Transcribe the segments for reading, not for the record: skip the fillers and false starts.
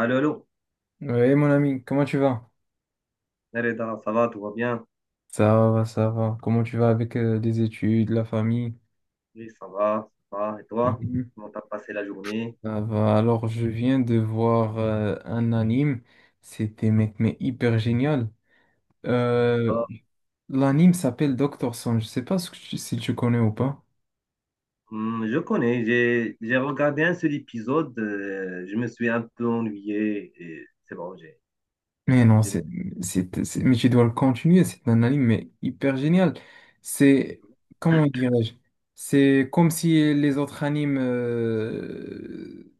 Allô, allô. Oui, mon ami, comment tu vas? Reda, ça va, tout va bien? Ça va, ça va. Comment tu vas avec les études, la famille? Oui, ça va, ça va. Et toi? Mhm. Comment t'as passé la journée? Ça va. Alors, je viens de voir un anime. C'était mec, mais hyper génial. Euh, D'accord. l'anime s'appelle Doctor Son. Je sais pas ce que si tu connais ou pas. Je connais, j'ai regardé un seul épisode, je me suis un peu ennuyé et c'est bon, j'ai. Mais non, je me- mais tu dois le continuer. C'est un anime mais hyper génial. C'est, comment dirais-je? C'est comme si les autres animes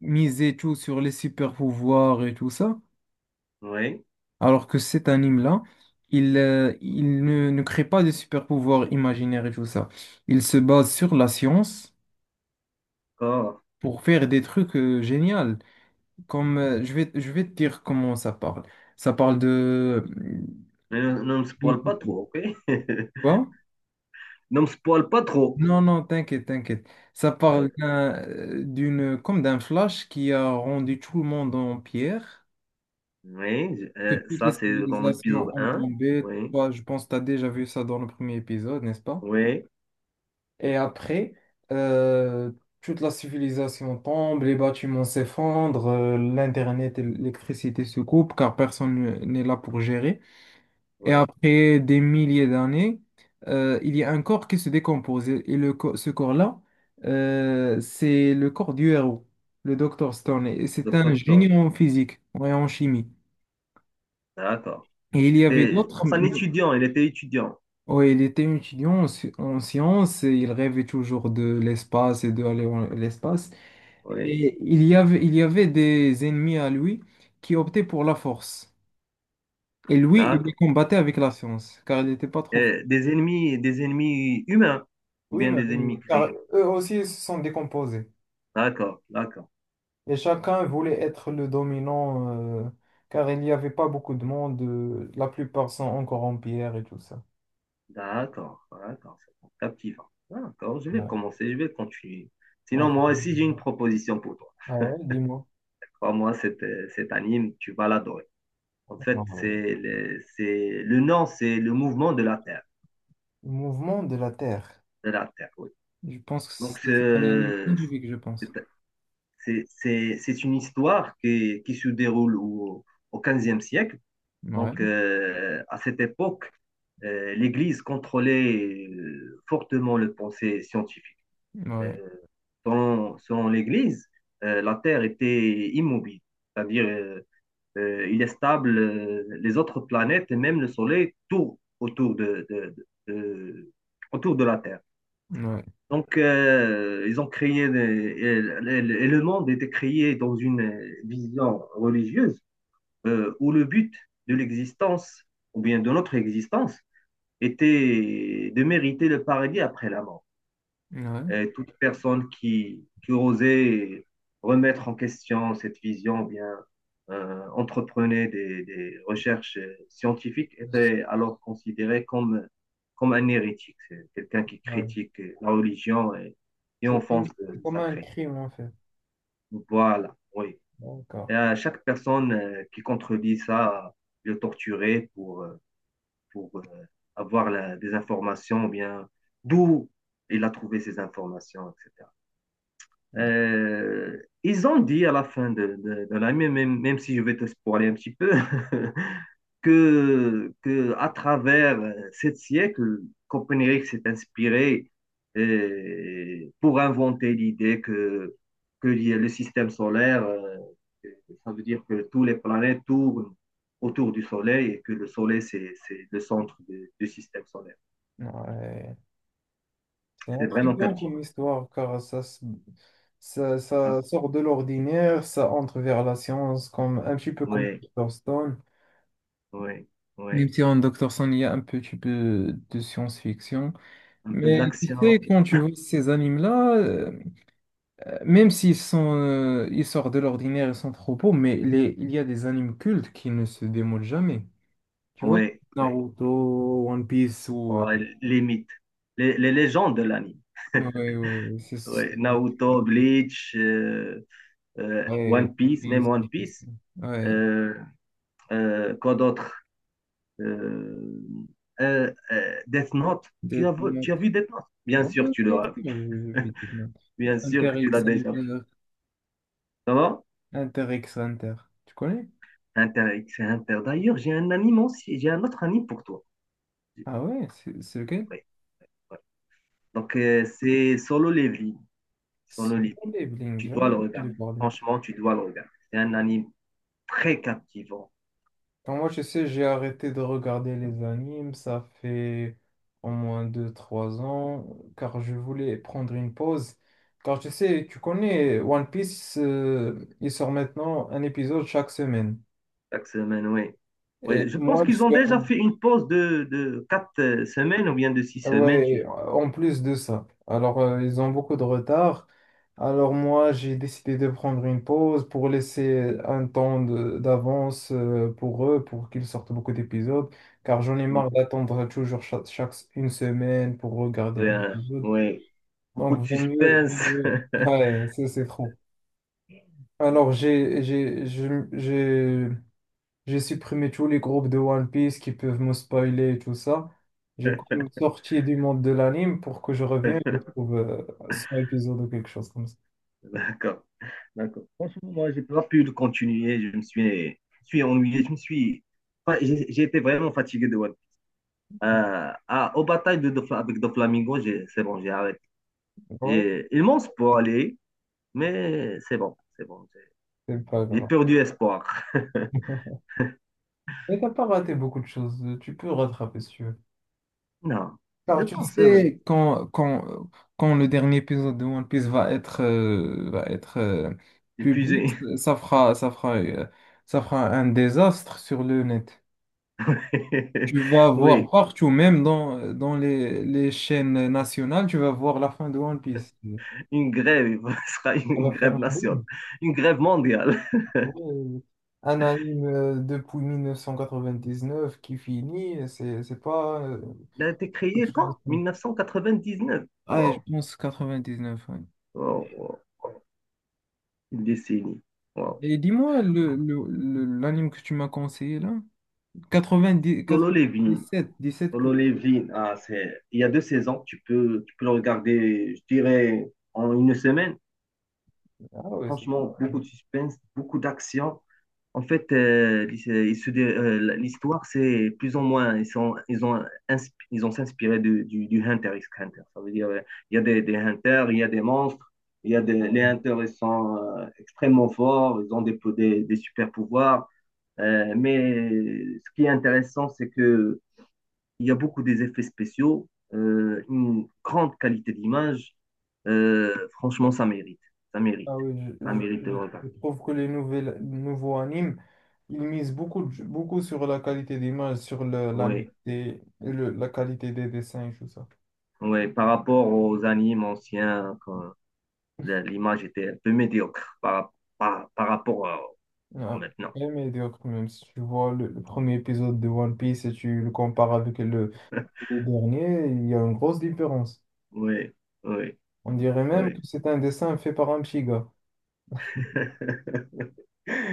miser tout sur les super pouvoirs et tout ça, Oui, alors que cet anime-là, il ne crée pas de super pouvoirs imaginaires et tout ça. Il se base sur la science d'accord. pour faire des trucs géniaux. Comme je vais te dire comment ça parle. Ça parle de Mais ne me d'une. spoil pas trop, ok? Quoi? Ne me spoil pas trop. Non, non, t'inquiète, t'inquiète. Ça parle D'accord. D'une, comme d'un flash qui a rendu tout le monde en pierre. Oui, Que toutes les ça c'est dans l'épisode civilisations ont un. tombé. Oui, Toi, je pense que tu as déjà vu ça dans le premier épisode, n'est-ce pas? oui, Et après, euh, toute la civilisation tombe, les bâtiments s'effondrent, l'Internet et l'électricité se coupent car personne n'est là pour gérer. Et oui. après des milliers d'années, il y a un corps qui se décompose. Et ce corps-là, c'est le corps du héros, le Dr. Stone. Et c'est Docteur un Stone. génie en physique et en chimie. D'accord. Et il y avait C'était, je d'autres, pense, un mais. étudiant, il était étudiant. Oui, il était étudiant en, en sciences et il rêvait toujours de l'espace et d'aller dans l'espace. Oui. Et il y avait des ennemis à lui qui optaient pour la force. Et lui, il les D'accord. combattait avec la science, car il n'était pas trop fort. Des ennemis, des ennemis humains ou Oui, bien mais des oui, ennemis oui, car créés. eux aussi se sont décomposés. D'accord, d'accord, Et chacun voulait être le dominant, euh, car il n'y avait pas beaucoup de monde. La plupart sont encore en pierre et tout ça. d'accord, d'accord, c'est bon, captivant. D'accord, je vais Ouais. commencer, je vais continuer. Sinon, Ah, moi aussi, j'ai une proposition pour toi. ah ouais, dis-moi. Crois-moi, cet anime, tu vas l'adorer. En Ah fait, ouais. C'est, le nom, c'est le mouvement de la Terre. Le mouvement de la Terre. De la Terre, oui. Je pense que Donc, ça prenait un nom scientifique, je pense. C'est une histoire qui se déroule au 15e siècle. Ouais, Donc, à cette époque, l'Église contrôlait fortement le pensée scientifique. ouais, Euh, selon, selon l'Église, la Terre était immobile, c'est-à-dire il est stable, les autres planètes et même le Soleil tournent autour de- de- autour de la Terre. ouais, Donc, ils ont créé, et le monde était créé dans une vision religieuse où le but de l'existence, ou bien de notre existence, était de mériter le paradis après la mort. ouais. Et toute personne qui osait remettre en question cette vision, bien entreprenait des, recherches scientifiques, était alors considérée comme, comme un hérétique, quelqu'un qui Ouais. critique la religion et C'est comme, enfonce c'est le comme un sacré. crime, en fait. Voilà, oui. D'accord. Et à chaque personne qui contredit ça, le torturer pour avoir des informations, ou bien d'où il a trouvé ces informations, etc. Ils ont dit à la fin de l'année, même, même si je vais te spoiler un petit peu. Que à travers 7 siècles, Copernic s'est inspiré pour inventer l'idée que le système solaire, ça veut dire que toutes les planètes tournent autour du Soleil et que le Soleil, c'est le centre du système solaire. Ouais. C'est C'est vraiment intriguant comme captivant. histoire, car Ah, ça sort de l'ordinaire, ça entre vers la science, comme, un petit peu comme ouais, Dr. Stone. ouais, Même ouais. si en Dr. Stone, il y a un petit peu de science-fiction. Un peu de Mais tu sais, l'action. quand tu vois ces animes-là, même s'ils sont, ils sortent de l'ordinaire, ils sont trop beaux, mais les, il y a des animes cultes qui ne se démodent jamais. Tu vois, Ouais, ouais. Naruto, One Piece ou Ouais, les mythes, les légendes de l'anime. ouais, ouais, Ouais, Naruto, Bleach, Ouais, One One Piece, même Piece. One Piece. Ouais, Euh, quoi d'autre? Euh, Death Note. Death Tu as Note. vu Death Note? Bien Ouais, sûr, tu bien l'auras. sûr, je Vu. vis Death Note. Et Bien sûr Hunter que tu l'as x déjà vu. Hunter. Ça va? Hunter x Hunter. Tu connais? Inter, c'est Inter. D'ailleurs, j'ai un anime aussi. J'ai un autre anime pour toi. Ah ouais, c'est lequel? Ouais, ouais. Donc, c'est Solo Leveling. Solo C'est Leveling. Blink, Tu dois jamais le regarder. entendu parler. Franchement, tu dois le regarder. C'est un anime très captivant. Quand moi, je sais, j'ai arrêté de regarder les animes, ça fait au moins deux trois ans, car je voulais prendre une pause. Car tu sais, tu connais One Piece, il sort maintenant un épisode chaque semaine. Chaque semaine, oui. Oui, Et je pense moi, je qu'ils ont suis. déjà fait une pause de quatre semaines ou bien de 6 semaines. Ouais, en plus de ça. Alors, ils ont beaucoup de retard. Alors, moi, j'ai décidé de prendre une pause pour laisser un temps d'avance pour eux, pour qu'ils sortent beaucoup d'épisodes, car j'en ai Mm. marre d'attendre toujours une semaine pour regarder Oui, un euh, épisode. oui. Beaucoup de Donc, suspense. Ouais, ça, c'est trop. Alors, j'ai supprimé tous les groupes de One Piece qui peuvent me spoiler et tout ça. J'ai quand même sorti du monde de l'anime pour que je revienne et je trouve 100 épisodes ou quelque chose comme ça. D'accord. D'accord. Franchement, moi, j'ai pas pu le continuer. Je suis ennuyé. Je me suis. Enfin, j'ai été vraiment fatigué de One Piece. Aux batailles avec Doflamingo, c'est bon, j'ai arrêté. Ouais, J'ai immense pour aller, mais c'est bon, c'est bon. C'est pas J'ai grave. perdu espoir. Mais t'as pas raté beaucoup de choses. Tu peux rattraper si tu veux. Non, Car je tu pense sais, quand le dernier épisode de One Piece va être épuisé. public, ça fera, ça fera, euh, ça fera un désastre sur le net. Tu vas voir Oui, partout, même dans les chaînes nationales, tu vas voir la fin de One Piece. Ça une grève. Ce sera une va faire grève un nationale, boom. une grève mondiale. Oui. Un anime depuis 1999 qui finit, c'est pas Il a été quelque créé chose de quand? simple. 1999. Ah, Wow, je pense 99, ouais. wow, wow. Une décennie. Wow. Et dis-moi, l'anime que tu m'as conseillé là? 90, Solo Levin. 97, 17 Solo plus. Levin, ah, c'est... il y a 2 saisons, tu peux le regarder, je dirais, en une semaine. Ah ouais, c'est bien. Franchement, beaucoup de suspense, beaucoup d'action. En fait, l'histoire, c'est plus ou moins, ils sont, ils ont, ils ont s'inspiré du Hunter x Hunter. Ça veut dire, il y a des Hunters, il y a des monstres, il y a des, les Hunters, ils sont extrêmement forts, ils ont des super pouvoirs. Mais ce qui est intéressant, c'est que il y a beaucoup des effets spéciaux, une grande qualité d'image. Franchement, ça mérite. Ça mérite. Ah oui, Ça mérite le regard. je trouve que les nouveaux animes, ils misent beaucoup, beaucoup sur la qualité d'image, sur la, Oui, netteté, la qualité des dessins et tout ça. oui. Par rapport aux animes anciens, quand l'image était un peu médiocre par, par rapport à Ah, maintenant. très médiocre même. Si tu vois le premier épisode de One Piece et tu le compares avec le dernier, il y a une grosse différence. Oui, oui, On dirait même que oui. c'est un dessin fait par un petit gars.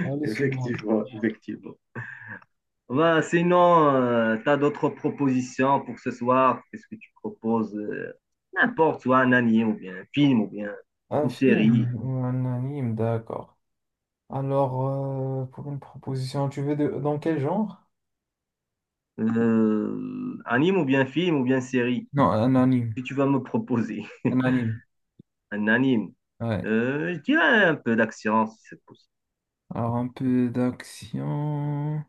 Allez, se montre. Effectivement, effectivement. Ouais, sinon, tu as d'autres propositions pour ce soir? Qu'est-ce que tu proposes? N'importe, soit un anime ou bien un film ou bien Un une série. film ou un anime, d'accord. Alors, pour une proposition, tu veux de, dans quel genre? Anime ou bien film ou bien série. Non, un Que anime. tu vas me proposer? Un anime. Un anime. Ouais. Je dirais un peu d'action si c'est possible. Alors, un peu d'action.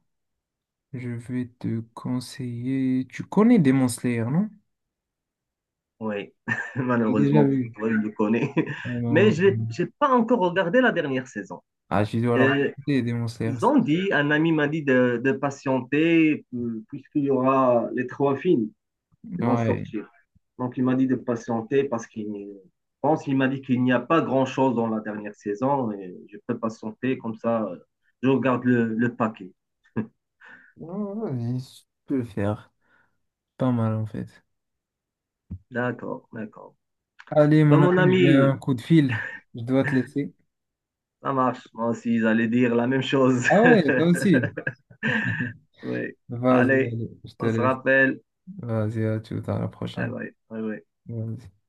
Je vais te conseiller. Tu connais Demon Slayer, non? Oui, J'ai déjà malheureusement pour vu. toi, je le connais. Mais Euh, je n'ai pas encore regardé la dernière saison. Ah, tu dois leur Euh, regarder, Demon Slayer. ils ont dit, un ami m'a dit de patienter puisqu'il y aura les 3 films. Ils vont Ouais. sortir. Donc, il m'a dit de patienter parce qu'il pense qu'il m'a dit qu'il n'y a pas grand-chose dans la dernière saison et je peux patienter comme ça, je regarde le paquet. Ouais, vas-y, je peux le faire. Pas mal, en fait. D'accord, d'accord. Allez, Ben, mon mon ami, j'ai ami, un coup de fil. Je dois te laisser. ça marche. Moi aussi, j'allais dire la même chose. Ah ouais, toi aussi. Oui. Vas-y, Allez, allez, je te on se laisse. rappelle. Vas-y, à tout, à la Ouais, prochaine. ouais, ouais, ouais. Vas-y.